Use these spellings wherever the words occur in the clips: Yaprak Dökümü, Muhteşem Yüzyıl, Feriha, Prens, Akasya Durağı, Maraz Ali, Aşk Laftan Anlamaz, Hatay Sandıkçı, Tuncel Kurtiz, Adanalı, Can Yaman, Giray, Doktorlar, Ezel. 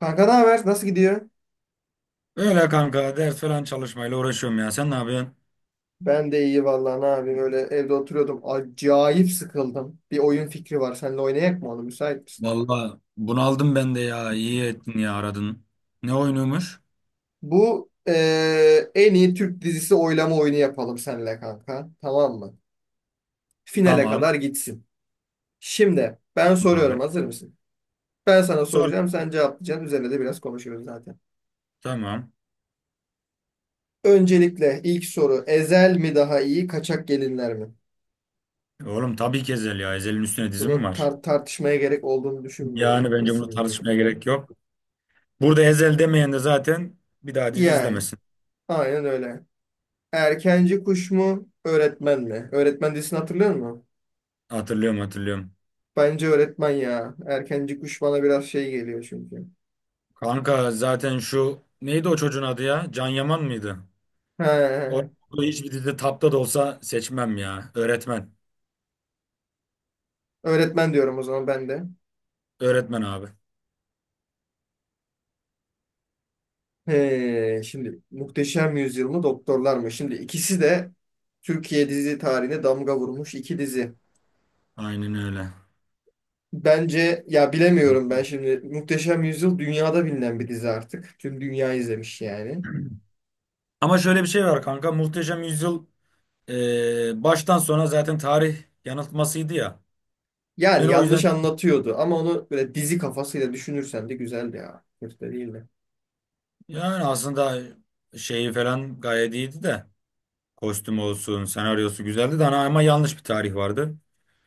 Kanka, ne haber? Nasıl gidiyor? Öyle kanka ders falan çalışmayla uğraşıyorum ya. Sen ne yapıyorsun? Ben de iyi, vallahi ne yapayım, öyle evde oturuyordum. Acayip sıkıldım. Bir oyun fikri var. Seninle oynayak mı onu? Müsait misin? Vallahi bunaldım ben de ya. İyi ettin ya aradın. Ne oynuyormuş? Bu en iyi Türk dizisi oylama oyunu yapalım seninle kanka. Tamam mı? Finale Tamam. kadar gitsin. Şimdi ben Tamam soruyorum. abi. Hazır mısın? Ben sana Sor. soracağım. Sen cevaplayacaksın. Üzerine de biraz konuşuyoruz zaten. Tamam. Öncelikle ilk soru. Ezel mi daha iyi? Kaçak gelinler mi? Oğlum tabii ki Ezel ya. Ezel'in üstüne dizi mi Bunu var? Tartışmaya gerek olduğunu Yani düşünmüyorum. bence bunu tartışmaya Kesinlikle. gerek yok. Burada Ezel demeyen de zaten bir daha dizi Yani. izlemesin. Aynen öyle. Erkenci kuş mu, öğretmen mi? Öğretmen dizisini hatırlıyor musun? Hatırlıyorum hatırlıyorum. Bence öğretmen ya. Erkenci kuş bana biraz şey geliyor çünkü. Kanka zaten şu neydi o çocuğun adı ya? Can Yaman mıydı? He, O hiçbir dizide tapta da olsa seçmem ya. Öğretmen. öğretmen diyorum o zaman ben de. Öğretmen abi. He, şimdi Muhteşem Yüzyıl mı, Doktorlar mı? Şimdi ikisi de Türkiye dizi tarihine damga vurmuş iki dizi. Aynen öyle. Bence ya bilemiyorum, ben şimdi Muhteşem Yüzyıl dünyada bilinen bir dizi artık. Tüm dünya izlemiş yani. Ama şöyle bir şey var kanka. Muhteşem Yüzyıl baştan sona zaten tarih yanıltmasıydı ya. Yani Ben o yüzden yanlış anlatıyordu ama onu böyle dizi kafasıyla düşünürsen de güzeldi ya. Kötü de değil. yani aslında şeyi falan gayet iyiydi de. Kostüm olsun, senaryosu güzeldi de ama yanlış bir tarih vardı.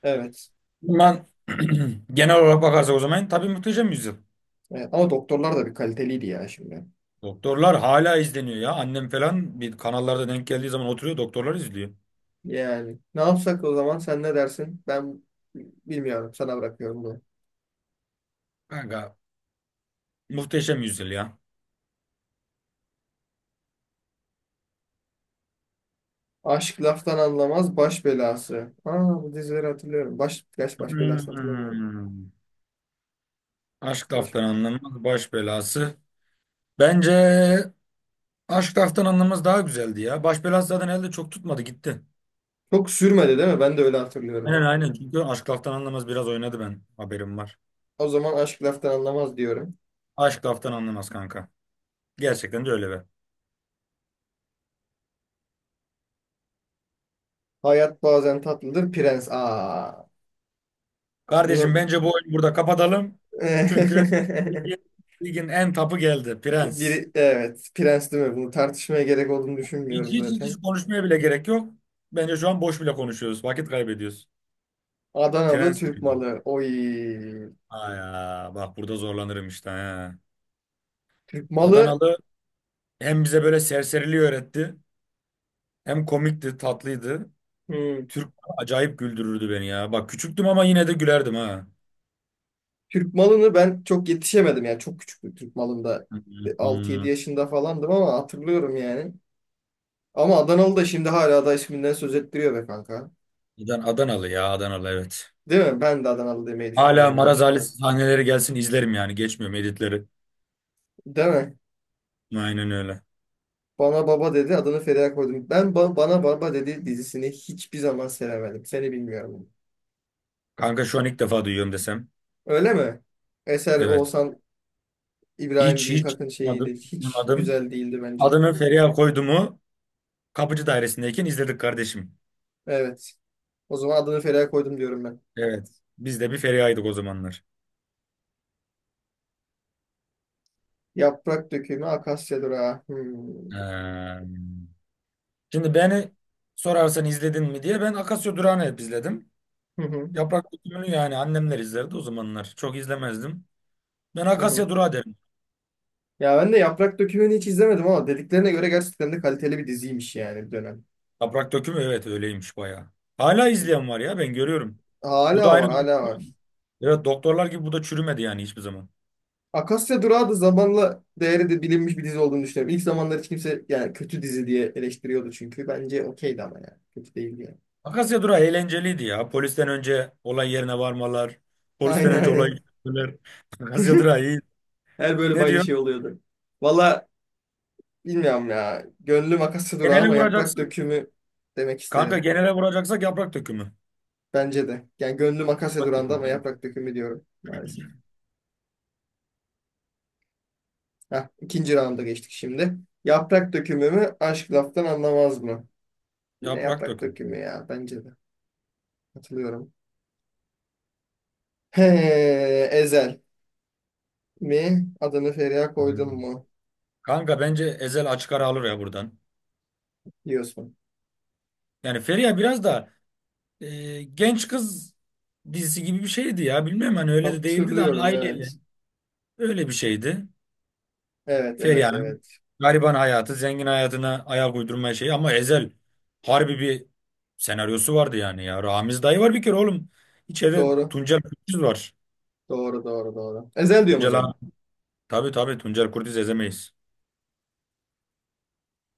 Evet. Ben genel olarak bakarsak o zaman tabii Muhteşem Yüzyıl. Evet. Ama doktorlar da bir kaliteliydi ya şimdi. Doktorlar hala izleniyor ya. Annem falan bir kanallarda denk geldiği zaman oturuyor doktorlar izliyor. Yani ne yapsak o zaman, sen ne dersin? Ben bilmiyorum, sana bırakıyorum bunu. Kanka Muhteşem Yüzyıl ya. Aşk laftan anlamaz baş belası. Aa, bu dizileri hatırlıyorum. Baş belasını hatırlamıyorum. Hmm. Aşk Baş. laftan anlanmaz baş belası. Bence Aşk Laftan Anlamaz daha güzeldi ya. Baş belası zaten elde çok tutmadı gitti. Çok sürmedi değil mi? Ben de öyle hatırlıyorum. Aynen aynen çünkü Aşk Laftan Anlamaz biraz oynadı ben haberim var. O zaman aşk laftan anlamaz diyorum. Aşk Laftan Anlamaz kanka. Gerçekten de öyle be. Hayat bazen tatlıdır prens. Aa, Kardeşim bunu bence bu oyunu burada kapatalım. Çünkü ligin, ligin en tapı geldi Prens. biri evet prens değil mi? Bunu tartışmaya gerek olduğunu Hiç, düşünmüyorum hiç hiç hiç zaten. konuşmaya bile gerek yok. Bence şu an boş bile konuşuyoruz. Vakit kaybediyoruz. Adanalı Prens Türk diyorum. malı. Oy. Aya bak burada zorlanırım işte. He. Türk malı. Adanalı hem bize böyle serseriliği öğretti. Hem komikti, tatlıydı. Hmm. Türk acayip güldürürdü beni ya. Bak küçüktüm ama yine de gülerdim ha. Türk malını ben çok yetişemedim, yani çok küçüktüm Türk malında, 6-7 Hmm. yaşında falandım ama hatırlıyorum yani. Ama Adanalı da şimdi hala da isminden söz ettiriyor be kanka. Adanalı ya, Adanalı evet. Değil mi? Ben de Adanalı demeyi Hala düşünüyorum yani. Maraz Ali sahneleri gelsin izlerim yani. Geçmiyorum editleri. Değil mi? Aynen öyle. Bana baba dedi, adını Feriha koydum. Ben bana baba dedi dizisini hiçbir zaman sevemedim. Seni bilmiyorum. Kanka şu an ilk defa duyuyorum desem. Öyle mi? Eser Evet. Oğuzhan İbrahim Hiç hiç Büyükak'ın duymadım, şeyiydi. hiç Hiç duymadım. güzel değildi bence. Adını Feriha koydu mu kapıcı dairesindeyken izledik kardeşim. Evet. O zaman adını Feriha koydum diyorum ben. Evet. Biz de bir Feriha'ydık o zamanlar. Yaprak dökümü, akasya durağı. Hmm. Ee, Şimdi beni sorarsan izledin mi diye ben Akasya Durağı'nı hep izledim. Hı hı, Yaprak dökümü yani annemler izlerdi o zamanlar. Çok izlemezdim. Ben hı hı. Akasya Durağı derim. Ya ben de yaprak dökümünü hiç izlemedim ama dediklerine göre gerçekten de kaliteli bir diziymiş yani, bir dönem. Yaprak dökümü evet öyleymiş bayağı. Hala izleyen var ya ben görüyorum. Bu da Hala aynı. var, hala var. Evet doktorlar gibi bu da çürümedi yani hiçbir zaman. Akasya Durağı da zamanla değeri de bilinmiş bir dizi olduğunu düşünüyorum. İlk zamanlar hiç kimse yani kötü dizi diye eleştiriyordu çünkü. Bence okeydi ama yani. Kötü değildi yani. Akasya Durağı eğlenceliydi ya. Polisten önce olay yerine varmalar. Polisten Aynen önce olay aynen. çözmeler. Akasya Durağı iyi. Her bölüm Ne aynı diyor? şey oluyordu. Valla bilmiyorum ya. Gönlüm Akasya Durağı Genele ama yaprak vuracaksın. dökümü demek Kanka isterim. genele vuracaksak yaprak dökümü. Bence de. Yani gönlüm Akasya Yaprak Duran'da ama dökümü. yaprak dökümü diyorum maalesef. Heh, ikinci rounda geçtik şimdi. Yaprak dökümü mü, aşk laftan anlamaz mı? Yine Yaprak yaprak dökümü. dökümü ya bence de. Katılıyorum. He, Ezel mi? Adını Feriha koydun Aynen. mu? Kanka bence Ezel açık ara alır ya buradan. Diyorsun. Yani Feriha biraz da genç kız dizisi gibi bir şeydi ya. Bilmem hani öyle de değildi de hani Hatırlıyorum aileyle. evet. Öyle bir şeydi. Evet evet Feriha'nın evet. gariban hayatı, zengin hayatına ayak uydurma şeyi ama Ezel harbi bir senaryosu vardı yani ya. Ramiz dayı var bir kere oğlum. İçeride Doğru. Tuncel Kurtiz var. Doğru doğru doğru. Ezel diyorum o Tuncel zaman. abi. Tabii tabii Tuncel Kurtiz ezemeyiz.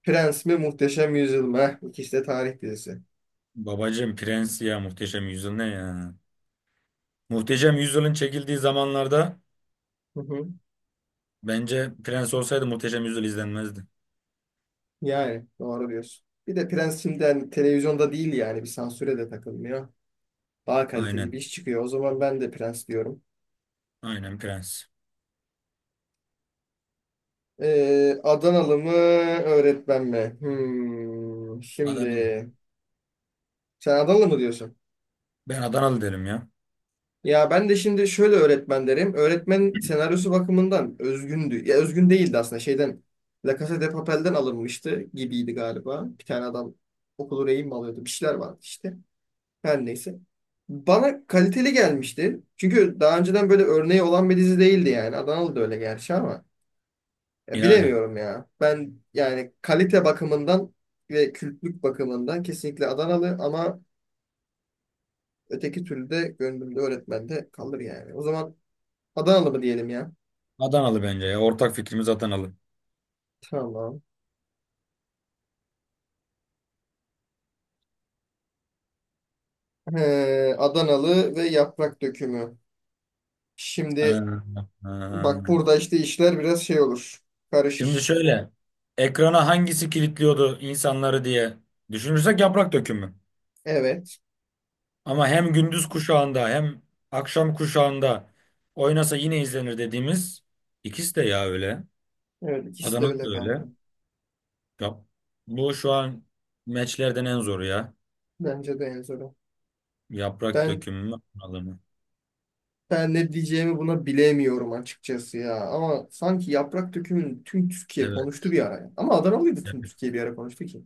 Prens mi Muhteşem Yüzyıl mı? Heh, İkisi de tarih dizisi. Babacığım Prens ya Muhteşem Yüzyıl ne ya? Muhteşem Yüzyıl'ın çekildiği zamanlarda Hı hı. bence Prens olsaydı Muhteşem Yüzyıl izlenmezdi. Yani doğru diyorsun. Bir de Prens şimdi hani televizyonda değil yani, bir sansüre de takılmıyor. Daha kaliteli bir Aynen. iş çıkıyor. O zaman ben de Prens diyorum. Aynen Prens. Adanalı mı öğretmen mi? Hmm, şimdi Adanalı. sen Adanalı mı diyorsun? Ben Adanalı derim ya. Ya ben de şimdi şöyle öğretmen derim. Öğretmen senaryosu bakımından özgündü. Ya özgün değildi aslında, şeyden, La Casa de Papel'den alınmıştı gibiydi galiba. Bir tane adam okulu rehin mi alıyordu? Bir şeyler vardı işte. Her neyse. Bana kaliteli gelmişti. Çünkü daha önceden böyle örneği olan bir dizi değildi yani. Adanalı da öyle gerçi ama. Ya Yani. bilemiyorum ya. Ben yani kalite bakımından ve kültlük bakımından kesinlikle Adanalı ama öteki türlü de gönlümde öğretmen de kalır yani. O zaman Adanalı mı diyelim ya? Adanalı bence ya. Ortak fikrimiz Adanalı. Tamam. Adanalı ve yaprak dökümü. Ee, Şimdi bak ee. burada işte işler biraz şey olur. Şimdi Karışır. şöyle. Ekrana hangisi kilitliyordu insanları diye düşünürsek yaprak dökümü. Evet. Ama hem gündüz kuşağında hem akşam kuşağında oynasa yine izlenir dediğimiz ikisi de ya öyle. Evet ikisi de Adanalı da öyle kanka. öyle. Yap. Bu şu an meçlerden en zoru ya. Bence de en zoru. Yaprak Ben dökümü mü? Adanalı mı? Ben ne diyeceğimi buna bilemiyorum açıkçası ya. Ama sanki yaprak dökümünü tüm Türkiye Evet. konuştu bir ara ya. Ama Adanalıydı, tüm Türkiye bir ara konuştu ki.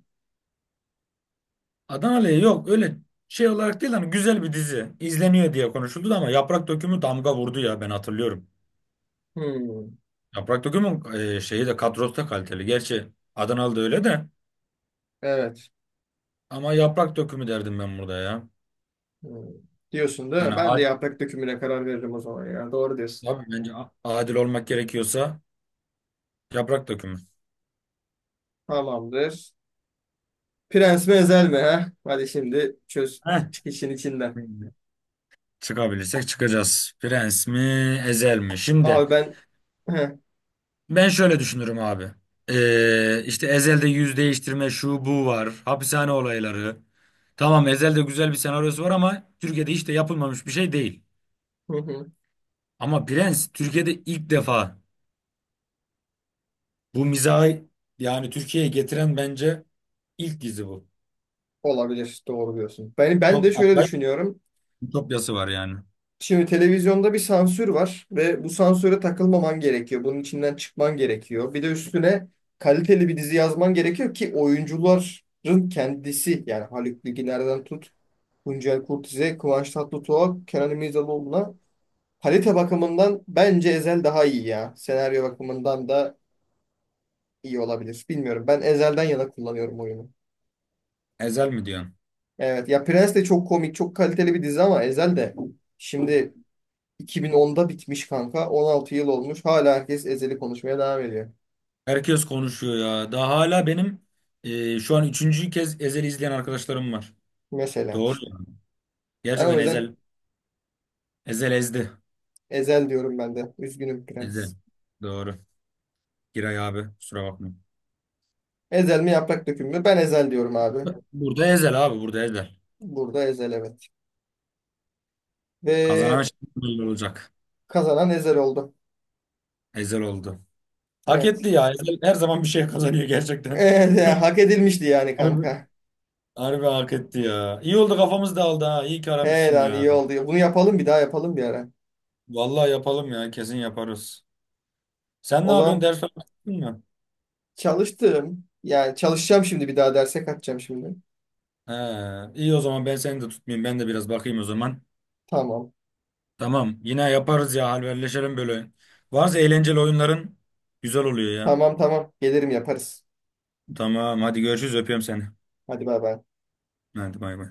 Adanalı'ya yok öyle şey olarak değil hani güzel bir dizi izleniyor diye konuşuldu da ama Yaprak Dökümü damga vurdu ya ben hatırlıyorum. Hmm, Yaprak Dökümü'nün şeyi de kadrosu da kaliteli. Gerçi Adanalı da öyle de evet. ama Yaprak Dökümü derdim ben burada ya. Hmm. Diyorsun değil mi? Yani Ben de yaprak dökümüne karar veririm o zaman ya. Doğru diyorsun. abi bence adil olmak gerekiyorsa Yaprak Dökümü. Tamamdır. Prens mi ezel mi ha? Hadi şimdi çöz, Heh. çık işin içinden. Çıkabilirsek çıkacağız. Prens mi, Ezel mi? Şimdi Abi ben. Heh, ben şöyle düşünürüm abi. İşte Ezel'de yüz değiştirme şu bu var. Hapishane olayları. Tamam Ezel'de güzel bir senaryosu var ama Türkiye'de hiç de yapılmamış bir şey değil. hı hı. Ama Prens Türkiye'de ilk defa bu mizahı yani Türkiye'ye getiren bence ilk dizi bu. Olabilir. Doğru diyorsun. Ben de Çok şöyle acayip düşünüyorum. ütopyası var yani. Şimdi televizyonda bir sansür var ve bu sansüre takılmaman gerekiyor. Bunun içinden çıkman gerekiyor. Bir de üstüne kaliteli bir dizi yazman gerekiyor ki, oyuncuların kendisi yani Haluk Bilginer'den tut, Tuncel Kurtiz'e, Kıvanç Tatlıtuğ'a, Kenan İmirzalıoğlu'na, kalite bakımından bence Ezel daha iyi ya. Senaryo bakımından da iyi olabilir. Bilmiyorum. Ben Ezel'den yana kullanıyorum oyunu. Ezel mi diyorsun? Evet ya, Prens de çok komik, çok kaliteli bir dizi ama Ezel de şimdi 2010'da bitmiş kanka. 16 yıl olmuş. Hala herkes Ezel'i konuşmaya devam ediyor. Herkes konuşuyor ya. Daha hala benim şu an üçüncü kez Ezel'i izleyen arkadaşlarım var. Mesela Doğru işte. ya. Ben o Gerçekten yüzden Ezel ezdi. Ezel diyorum ben de. Üzgünüm prens. Ezel. Doğru. Giray abi kusura bakma. Ezel mi yaprak döküm mü? Ben Ezel diyorum abi. Burada Ezel abi burada Ezel. Burada Ezel evet. Kazanan Ve şimdi olacak. kazanan Ezel oldu. Ezel oldu. Hak Evet. etti ya. Ezel her zaman bir şey kazanıyor gerçekten. Evet, ya, hak edilmişti yani Harbi, kanka. harbi hak etti ya. İyi oldu kafamız dağıldı ha. İyi ki He aramışsın lan ya. iyi oldu. Bunu yapalım, bir daha yapalım bir ara. Vallahi yapalım ya kesin yaparız. Sen ne O yapıyorsun zaman ders falan yaptın mı? çalıştım. Yani çalışacağım şimdi, bir daha derse kaçacağım şimdi. He, iyi o zaman ben seni de tutmayayım. Ben de biraz bakayım o zaman. Tamam. Tamam yine yaparız ya halverleşelim böyle. Varsa eğlenceli oyunların güzel oluyor ya. Tamam tamam. Gelirim yaparız. Tamam hadi görüşürüz öpüyorum seni. Hadi bay bay. Hadi bay bay.